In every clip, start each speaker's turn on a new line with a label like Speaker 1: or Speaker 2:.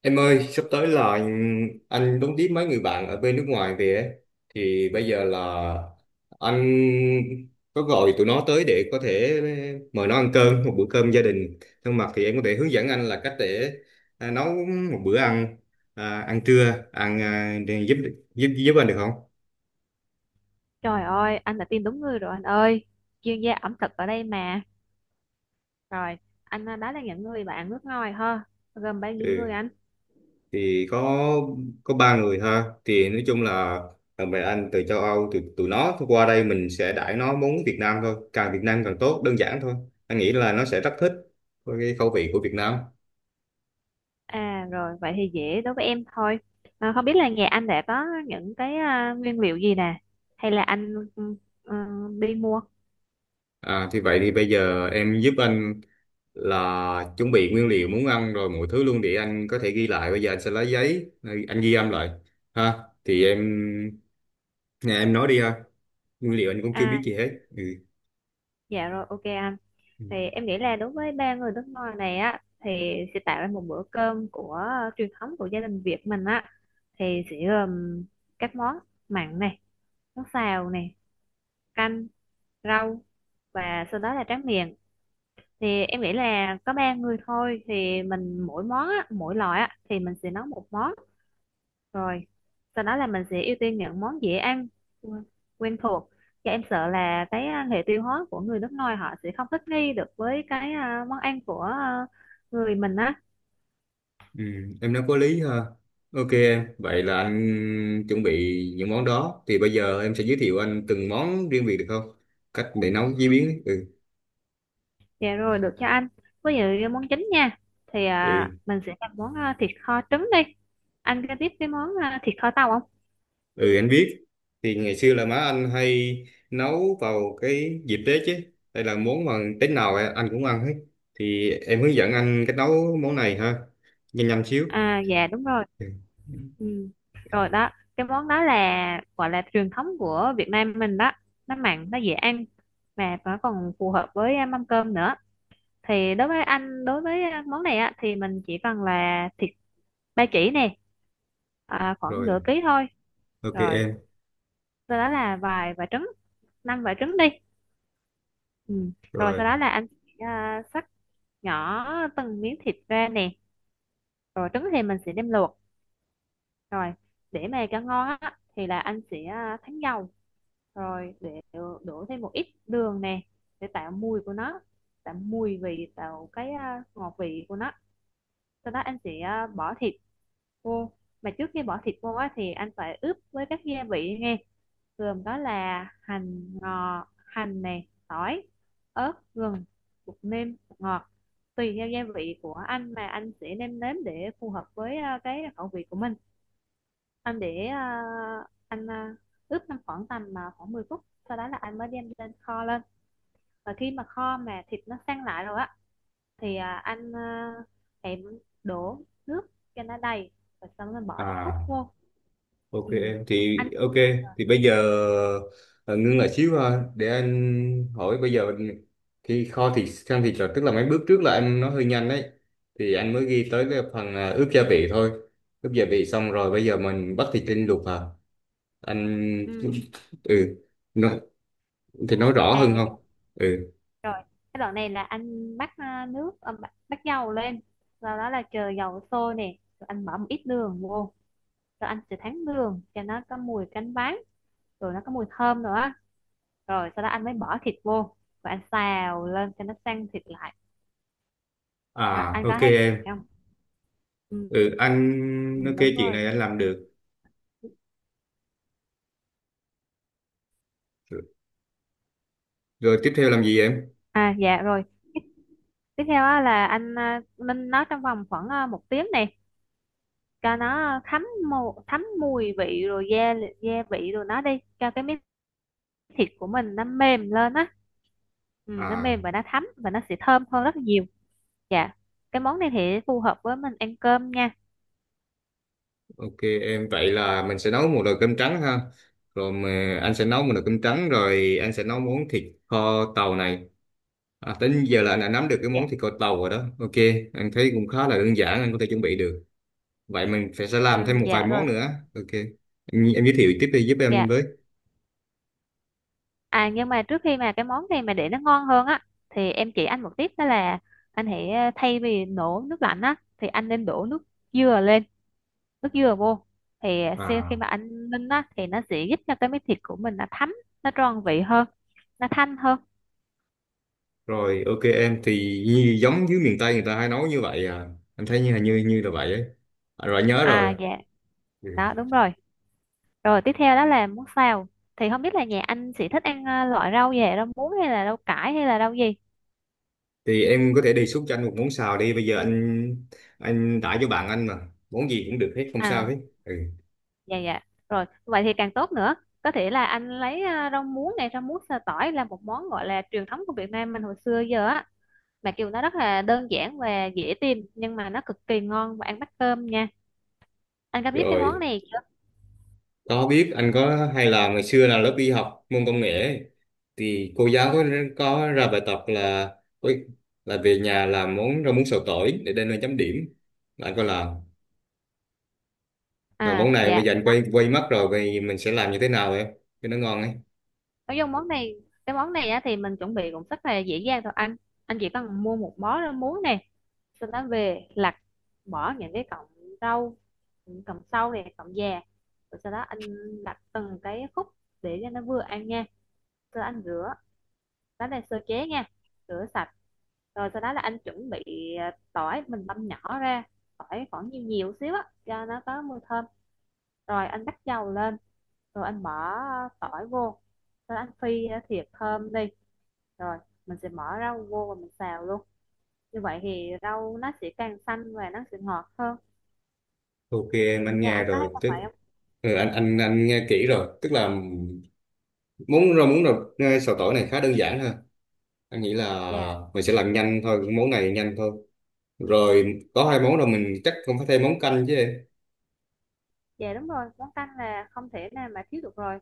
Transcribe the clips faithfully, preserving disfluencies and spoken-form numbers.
Speaker 1: Em ơi, sắp tới là anh anh đón tiếp mấy người bạn ở bên nước ngoài về ấy. Thì bây giờ là anh có gọi tụi nó tới để có thể mời nó ăn cơm, một bữa cơm gia đình thân mật. Thì em có thể hướng dẫn anh là cách để à, nấu một bữa ăn, à, ăn trưa, ăn à, để giúp giúp giúp anh được không?
Speaker 2: Trời ơi, anh đã tìm đúng người rồi anh ơi. Chuyên gia ẩm thực ở đây mà. Rồi, anh đó là những người bạn nước ngoài ha. Gồm bao nhiêu người
Speaker 1: Ừ.
Speaker 2: anh?
Speaker 1: Thì có có ba người ha. Thì nói chung là thằng bè anh từ châu Âu, từ tụi nó qua đây mình sẽ đãi nó món Việt Nam thôi, càng Việt Nam càng tốt, đơn giản thôi. Anh nghĩ là nó sẽ rất thích với cái khẩu vị của Việt Nam.
Speaker 2: À rồi, vậy thì dễ đối với em thôi. À, không biết là nhà anh đã có những cái à, nguyên liệu gì nè? Hay là anh ừ, ừ, đi mua?
Speaker 1: À thì vậy thì bây giờ em giúp anh là chuẩn bị nguyên liệu muốn ăn rồi mọi thứ luôn để anh có thể ghi lại. Bây giờ anh sẽ lấy giấy, anh ghi âm lại ha. Thì em nè, em nói đi ha, nguyên liệu anh cũng chưa
Speaker 2: À,
Speaker 1: biết gì hết. Ừ.
Speaker 2: dạ rồi, ok anh.
Speaker 1: Ừ.
Speaker 2: Thì em nghĩ là đối với ba người nước ngoài này á, thì sẽ tạo ra một bữa cơm của ờ, truyền thống của gia đình Việt mình á. Thì sẽ gồm các món mặn này, món xào này, canh rau và sau đó là tráng miệng. Thì em nghĩ là có ba người thôi thì mình mỗi món á, mỗi loại á, thì mình sẽ nấu một món, rồi sau đó là mình sẽ ưu tiên những món dễ ăn, quen quen thuộc. Và em sợ là cái à, hệ tiêu hóa của người nước ngoài họ sẽ không thích nghi được với cái à, món ăn của à, người mình á.
Speaker 1: Ừ, em nói có lý ha. Ok em, vậy là anh chuẩn bị những món đó. Thì bây giờ em sẽ giới thiệu anh từng món riêng biệt được không? Cách để nấu chế biến. Ừ,
Speaker 2: Dạ rồi, được cho anh, ví dụ như món chính nha thì à,
Speaker 1: ừ,
Speaker 2: mình sẽ làm món à, thịt kho trứng đi. Anh có biết cái món à, thịt kho tàu không?
Speaker 1: ừ anh biết. Thì ngày xưa là má anh hay nấu vào cái dịp Tết chứ. Đây là món mà Tết nào á, anh cũng ăn hết. Thì em hướng dẫn anh cách nấu món này ha. Nhanh nhanh xíu.
Speaker 2: à dạ đúng rồi.
Speaker 1: Ừ.
Speaker 2: Ừ. Rồi đó, cái món đó là gọi là truyền thống của Việt Nam mình đó. Nó mặn, nó dễ ăn mà nó còn phù hợp với à, mâm cơm nữa. Thì đối với anh, đối với à, món này á thì mình chỉ cần là thịt ba chỉ nè, à, khoảng
Speaker 1: Rồi,
Speaker 2: nửa ký thôi.
Speaker 1: ok
Speaker 2: Rồi,
Speaker 1: em.
Speaker 2: sau đó là vài quả trứng, năm quả trứng đi. Ừ. Rồi sau
Speaker 1: Rồi.
Speaker 2: đó là anh à, cắt nhỏ từng miếng thịt ra nè. Rồi trứng thì mình sẽ đem luộc. Rồi, để mà cho ngon á thì là anh sẽ à, thắng dầu, rồi để đổ thêm một ít đường nè để tạo mùi của nó, tạo mùi vị, tạo cái à, ngọt vị của nó. Sau đó anh sẽ à, bỏ thịt vô. Mà trước khi bỏ thịt vô á thì anh phải ướp với các gia vị nghe. Gồm đó là hành ngò, hành này tỏi, ớt, gừng, bột nêm, bột ngọt. Tùy theo gia vị của anh mà anh sẽ nêm nếm để phù hợp với à, cái khẩu vị của mình. Anh để à, anh à, ướp trong khoảng tầm à, khoảng mười phút, sau đó là anh mới đem lên kho lên. Và khi mà kho mà thịt nó săn lại rồi á thì à, anh à, hãy đổ nước cho nó đầy và xong rồi bỏ trứng cút
Speaker 1: À.
Speaker 2: vô.
Speaker 1: Ok
Speaker 2: Ừ.
Speaker 1: em thì
Speaker 2: Anh.
Speaker 1: ok Thì bây giờ ờ, ngưng lại xíu ha để anh hỏi. Bây giờ khi kho thịt, sang thịt, là tức là mấy bước trước là em nói hơi nhanh đấy, thì anh mới ghi tới cái phần à, ướp gia vị thôi. Ướp gia vị xong rồi bây giờ mình bắt thịt lên luộc à anh?
Speaker 2: Ừ.
Speaker 1: Ừ. nó, thì nói rõ
Speaker 2: à
Speaker 1: hơn
Speaker 2: dạ
Speaker 1: không? Ừ.
Speaker 2: rồi, cái đoạn này là anh bắt à, nước à, bắt, bắt dầu lên, sau đó là chờ dầu sôi nè rồi anh bỏ một ít đường vô, rồi anh sẽ thắng đường cho nó có mùi cánh váng, rồi nó có mùi thơm nữa, rồi sau đó anh mới bỏ thịt vô và anh xào lên cho nó săn thịt lại. Đó,
Speaker 1: À.
Speaker 2: anh có
Speaker 1: Ok
Speaker 2: thấy
Speaker 1: em.
Speaker 2: không? ừ,
Speaker 1: Ừ,
Speaker 2: ừ,
Speaker 1: anh nói cái
Speaker 2: Đúng
Speaker 1: chuyện
Speaker 2: rồi.
Speaker 1: này anh làm được. Rồi tiếp theo làm gì em?
Speaker 2: à dạ rồi, tiếp theo á, là anh à, ninh nó trong vòng khoảng à, một tiếng này cho nó thấm, mù, thấm mùi vị rồi gia li- gia vị rồi nó đi cho cái miếng thịt của mình nó mềm lên á. Ừ, nó
Speaker 1: À.
Speaker 2: mềm và nó thấm và nó sẽ thơm hơn rất là nhiều. Dạ, cái món này thì phù hợp với mình ăn cơm nha.
Speaker 1: Ok em, vậy là mình sẽ nấu một nồi cơm trắng ha. Rồi mà anh sẽ nấu một nồi cơm trắng, rồi anh sẽ nấu món thịt kho tàu này. À, tính giờ là anh đã nắm được cái món
Speaker 2: Dạ.
Speaker 1: thịt kho tàu rồi đó. Ok, anh thấy cũng khá là đơn giản, anh có thể chuẩn bị được. Vậy mình phải sẽ làm thêm
Speaker 2: Ừ,
Speaker 1: một vài
Speaker 2: dạ
Speaker 1: món
Speaker 2: rồi.
Speaker 1: nữa. Ok. Em, em giới thiệu tiếp đi giúp em
Speaker 2: Dạ.
Speaker 1: với.
Speaker 2: À, nhưng mà trước khi mà cái món này mà để nó ngon hơn á thì em chỉ anh một tip đó là anh hãy ờ, thay vì đổ nước lạnh á thì anh nên đổ nước dừa lên, nước dừa vô. Thì khi khi
Speaker 1: À
Speaker 2: mà anh ninh á thì nó sẽ giúp cho cái miếng thịt của mình nó thấm, nó tròn vị hơn, nó thanh hơn.
Speaker 1: rồi ok em, thì như, giống dưới miền Tây người ta hay nấu như vậy à. Anh thấy như là như như là vậy ấy. À, rồi nhớ
Speaker 2: À
Speaker 1: rồi.
Speaker 2: dạ,
Speaker 1: Ừ.
Speaker 2: đó đúng rồi. Rồi tiếp theo đó là món xào. Thì không biết là nhà anh sẽ thích ăn ờ, loại rau gì, rau muống hay là rau cải hay là rau gì?
Speaker 1: Thì em có thể đề xuất cho anh một món xào đi. Bây giờ anh anh tải cho bạn anh mà món gì cũng được hết không
Speaker 2: À,
Speaker 1: sao hết. Ừ.
Speaker 2: dạ dạ rồi, vậy thì càng tốt nữa, có thể là anh lấy à, rau muống này, rau muống sa tỏi là một món gọi là truyền thống của Việt Nam mình hồi xưa giờ á, mà kiểu nó rất là đơn giản và dễ tìm nhưng mà nó cực kỳ ngon và ăn bắt cơm nha. Anh có biết cái món
Speaker 1: Rồi
Speaker 2: này chưa?
Speaker 1: có biết, anh có hay làm ngày xưa là lớp đi học môn công nghệ ấy, thì cô giáo có có ra bài tập là ôi, là về nhà làm món rau muống xào tỏi để đem lên chấm điểm. Bạn có làm rồi.
Speaker 2: à
Speaker 1: Món này bây
Speaker 2: dạ
Speaker 1: giờ anh quay quay mắt rồi, vậy mình sẽ làm như thế nào em cho nó ngon ấy?
Speaker 2: nói chung món này, cái món này á, thì mình chuẩn bị cũng rất là dễ dàng thôi anh. Anh chỉ cần mua một bó rau muống này, sau đó về lặt, bỏ những cái cọng rau, những cọng sau này cọng già, rồi sau đó anh lặt từng cái khúc để cho nó vừa ăn nha. Sơ anh rửa lá này, sơ chế nha, rửa sạch, rồi sau đó là anh chuẩn bị à, tỏi mình băm nhỏ ra, tỏi khoảng nhiều nhiều xíu á cho nó có mùi thơm, rồi anh bắt dầu lên, rồi anh bỏ tỏi vô, rồi anh phi à, thiệt thơm đi, rồi mình sẽ bỏ rau vô và mình xào luôn, như vậy thì rau nó sẽ càng xanh và nó sẽ ngọt hơn.
Speaker 1: Ok em, anh
Speaker 2: Nhà
Speaker 1: nghe
Speaker 2: anh có
Speaker 1: rồi
Speaker 2: hay làm
Speaker 1: tức
Speaker 2: vậy không?
Speaker 1: ừ, anh anh anh nghe kỹ rồi, tức là món rau muống, rau xào tỏi này khá đơn giản ha. Anh nghĩ là
Speaker 2: Dạ.
Speaker 1: mình sẽ làm nhanh thôi, cái món này nhanh thôi. Rồi có hai món rồi, mình chắc không phải thêm món canh chứ em?
Speaker 2: Dạ đúng rồi, món canh là không thể nào mà thiếu được rồi.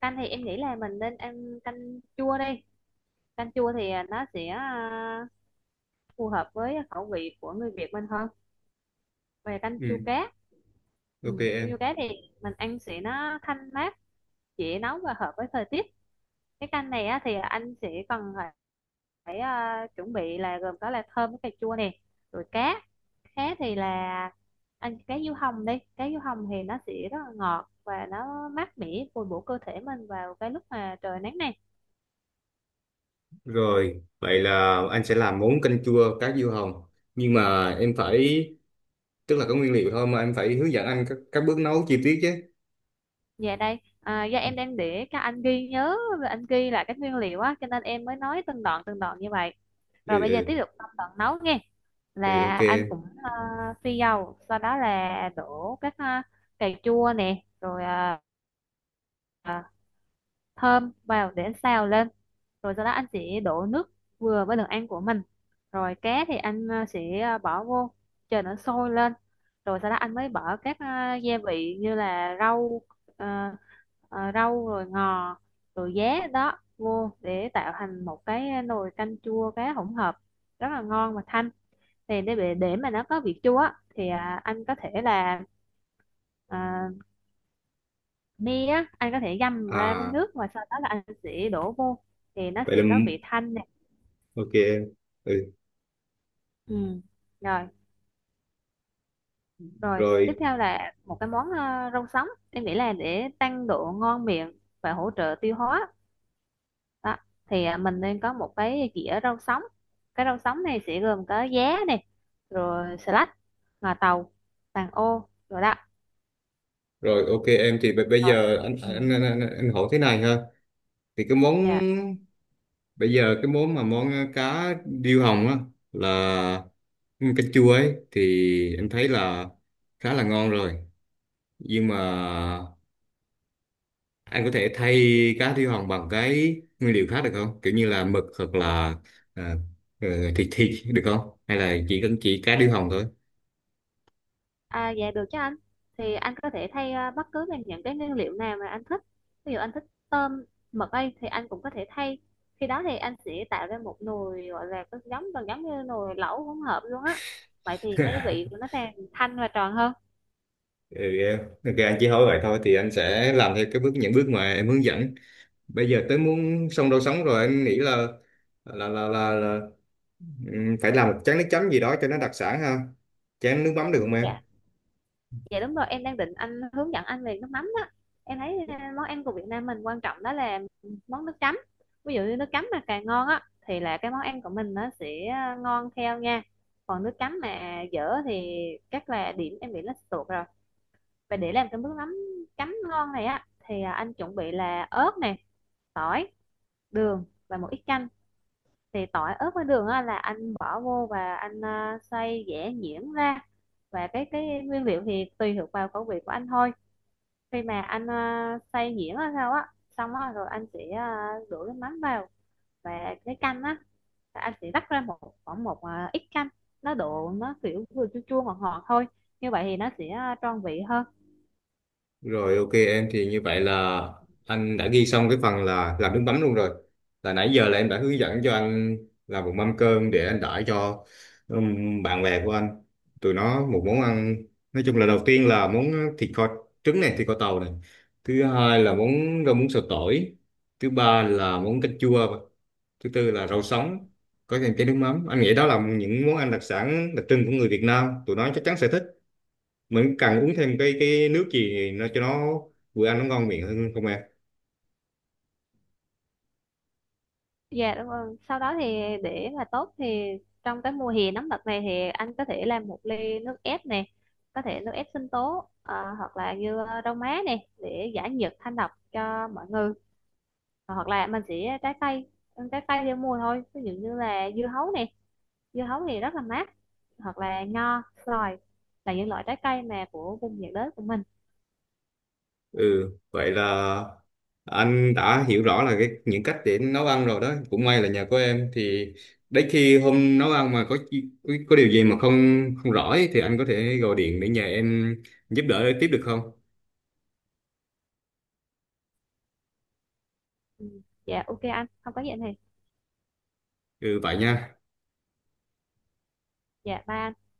Speaker 2: Canh thì em nghĩ là mình nên ăn canh chua đi. Canh chua thì à, nó sẽ à, phù hợp với khẩu vị của người Việt mình hơn, về canh chua
Speaker 1: Ừ,
Speaker 2: cá. Ừ.
Speaker 1: ok
Speaker 2: Canh
Speaker 1: em.
Speaker 2: chua cá thì mình ăn sẽ nó thanh mát, dễ nấu và hợp với thời tiết. Cái canh này á, thì anh sẽ cần phải, phải à, chuẩn bị là gồm có là thơm với cà chua nè, rồi cá. Cá thì là anh cá diếu hồng đi, cá diếu hồng thì nó sẽ rất là ngọt và nó mát mẻ, bồi bổ cơ thể mình vào cái lúc mà trời nắng nè.
Speaker 1: Rồi vậy là anh sẽ làm món canh chua cá diêu hồng. Nhưng mà em phải, tức là có nguyên liệu thôi mà em phải hướng dẫn anh các, các bước nấu chi tiết chứ.
Speaker 2: Dạ đây, à, do em đang để các anh ghi nhớ, anh ghi lại các nguyên liệu á, cho nên em mới nói từng đoạn từng đoạn như vậy.
Speaker 1: Ừ,
Speaker 2: Rồi bây giờ tiếp
Speaker 1: ừ,
Speaker 2: tục trong đoạn nấu nghe,
Speaker 1: ừ ok
Speaker 2: là anh
Speaker 1: em.
Speaker 2: cũng à, phi dầu, sau đó là đổ các à, cà chua nè, rồi à, à, thơm vào để xào lên, rồi sau đó anh sẽ đổ nước vừa với đường ăn của mình, rồi cá thì anh à, sẽ à, bỏ vô, chờ nó sôi lên, rồi sau đó anh mới bỏ các à, gia vị như là rau, à, à, rau rồi ngò, rồi giá đó vô để tạo thành một cái nồi canh chua cá hỗn hợp rất là ngon và thanh. Thì để để để mà nó có vị chua á, thì à, anh có thể là à, mi á, anh có thể găm ra với
Speaker 1: À
Speaker 2: nước và sau đó là anh sẽ đổ vô, thì nó
Speaker 1: vậy là
Speaker 2: sẽ có vị thanh này.
Speaker 1: ok em. Ừ,
Speaker 2: Ừ. rồi rồi tiếp
Speaker 1: rồi
Speaker 2: theo là một cái món ờ, rau sống, em nghĩ là để tăng độ ngon miệng và hỗ trợ tiêu hóa. Đó, thì ờ, mình nên có một cái dĩa rau sống, cái rau sống này sẽ gồm có giá này, rồi xà lách, ngò tàu, vàng ô, rồi đó.
Speaker 1: rồi ok em thì b- bây
Speaker 2: Rồi.
Speaker 1: giờ anh
Speaker 2: Ừ.
Speaker 1: anh, anh, anh, anh hỏi thế này ha. Thì cái món
Speaker 2: Dạ.
Speaker 1: Bây giờ cái món mà món ờ, cá điêu hồng á, là canh chua ấy, thì em thấy là khá là ngon rồi. Nhưng mà anh có thể thay cá điêu hồng bằng cái nguyên liệu khác được không? Kiểu như là mực hoặc là à, ờ, thịt thịt được không? Hay là chỉ cần chỉ cá điêu hồng thôi?
Speaker 2: À, dạ được chứ anh. Thì anh có thể thay à, bất cứ bằng những cái nguyên liệu nào mà anh thích. Ví dụ anh thích tôm, mực ấy thì anh cũng có thể thay. Khi đó thì anh sẽ tạo ra một nồi gọi là có giống gần giống như nồi lẩu hỗn hợp luôn á. Vậy thì cái vị của nó càng thanh và tròn hơn.
Speaker 1: Ừ, em. Ok anh chỉ hỏi vậy thôi, thì anh sẽ làm theo cái bước những bước mà em hướng dẫn. Bây giờ tới muốn xong đâu sống rồi, anh nghĩ là là là là, là, ừm, phải làm một chén nước chấm gì đó cho nó đặc sản ha. Chén nước mắm được không
Speaker 2: Ừ,
Speaker 1: em?
Speaker 2: dạ. Dạ đúng rồi, em đang định anh hướng dẫn anh về nước mắm đó. Em thấy ờ, món ăn của Việt Nam mình quan trọng đó là món nước chấm. Ví dụ như nước chấm mà càng ngon á thì là cái món ăn của mình nó sẽ ờ, ngon theo nha. Còn nước chấm mà dở thì chắc là điểm em bị nó tuột rồi. Và để làm cái nước mắm chấm ngon này á thì à, anh chuẩn bị là ớt này, tỏi, đường và một ít chanh. Thì tỏi, ớt với đường á là anh bỏ vô và anh à, xay giã nhuyễn ra. Và cái cái nguyên liệu thì tùy thuộc vào khẩu vị của anh thôi. Khi mà anh uh, xay nhuyễn hay sao á, xong á rồi anh sẽ ờ, đổ cái mắm vào và cái canh á là anh sẽ rắc ra một khoảng một ờ, ít canh, nó độ nó kiểu vừa chua chua ngọt ngọt thôi, như vậy thì nó sẽ ờ, tròn vị hơn.
Speaker 1: Rồi ok em, thì như vậy là anh đã ghi xong cái phần là làm nước mắm luôn rồi. Là nãy giờ là em đã hướng dẫn cho anh làm một mâm cơm để anh đãi cho ừm, bạn bè của anh, tụi nó một món ăn. Nói chung là đầu tiên là món thịt kho trứng này, thịt kho tàu này, thứ hai là món rau muống xào tỏi, thứ ba là món canh chua, thứ tư là rau sống có kèm chén nước mắm. Anh nghĩ đó là những món ăn đặc sản đặc trưng của người Việt Nam, tụi nó chắc chắn sẽ thích. Mình cần uống thêm cái cái nước gì nó cho nó vừa ăn nó ngon miệng hơn không em?
Speaker 2: Dạ đúng rồi, sau đó thì để mà tốt thì trong cái mùa hè nóng đợt này thì anh có thể làm một ly nước ép nè, có thể nước ép sinh tố ờ, hoặc là như ờ, rau má nè để giải nhiệt thanh độc cho mọi người, hoặc là mình sẽ trái cây, ăn trái cây theo mùa thôi, ví dụ như là dưa hấu nè, dưa hấu thì rất là mát, hoặc là nho xoài là những loại trái cây mà của vùng nhiệt đới của mình.
Speaker 1: Ừ vậy là anh đã hiểu rõ là cái những cách để nấu ăn rồi đó. Cũng may là nhờ có em thì đấy khi hôm nấu ăn mà có chi- có có điều gì mà không không rõ ấy, thì anh có thể gọi điện để nhờ em giúp đỡ tiếp được không?
Speaker 2: Ừ. Dạ ok anh, không có gì anh Hiền.
Speaker 1: Ừ vậy nha.
Speaker 2: Dạ ba anh.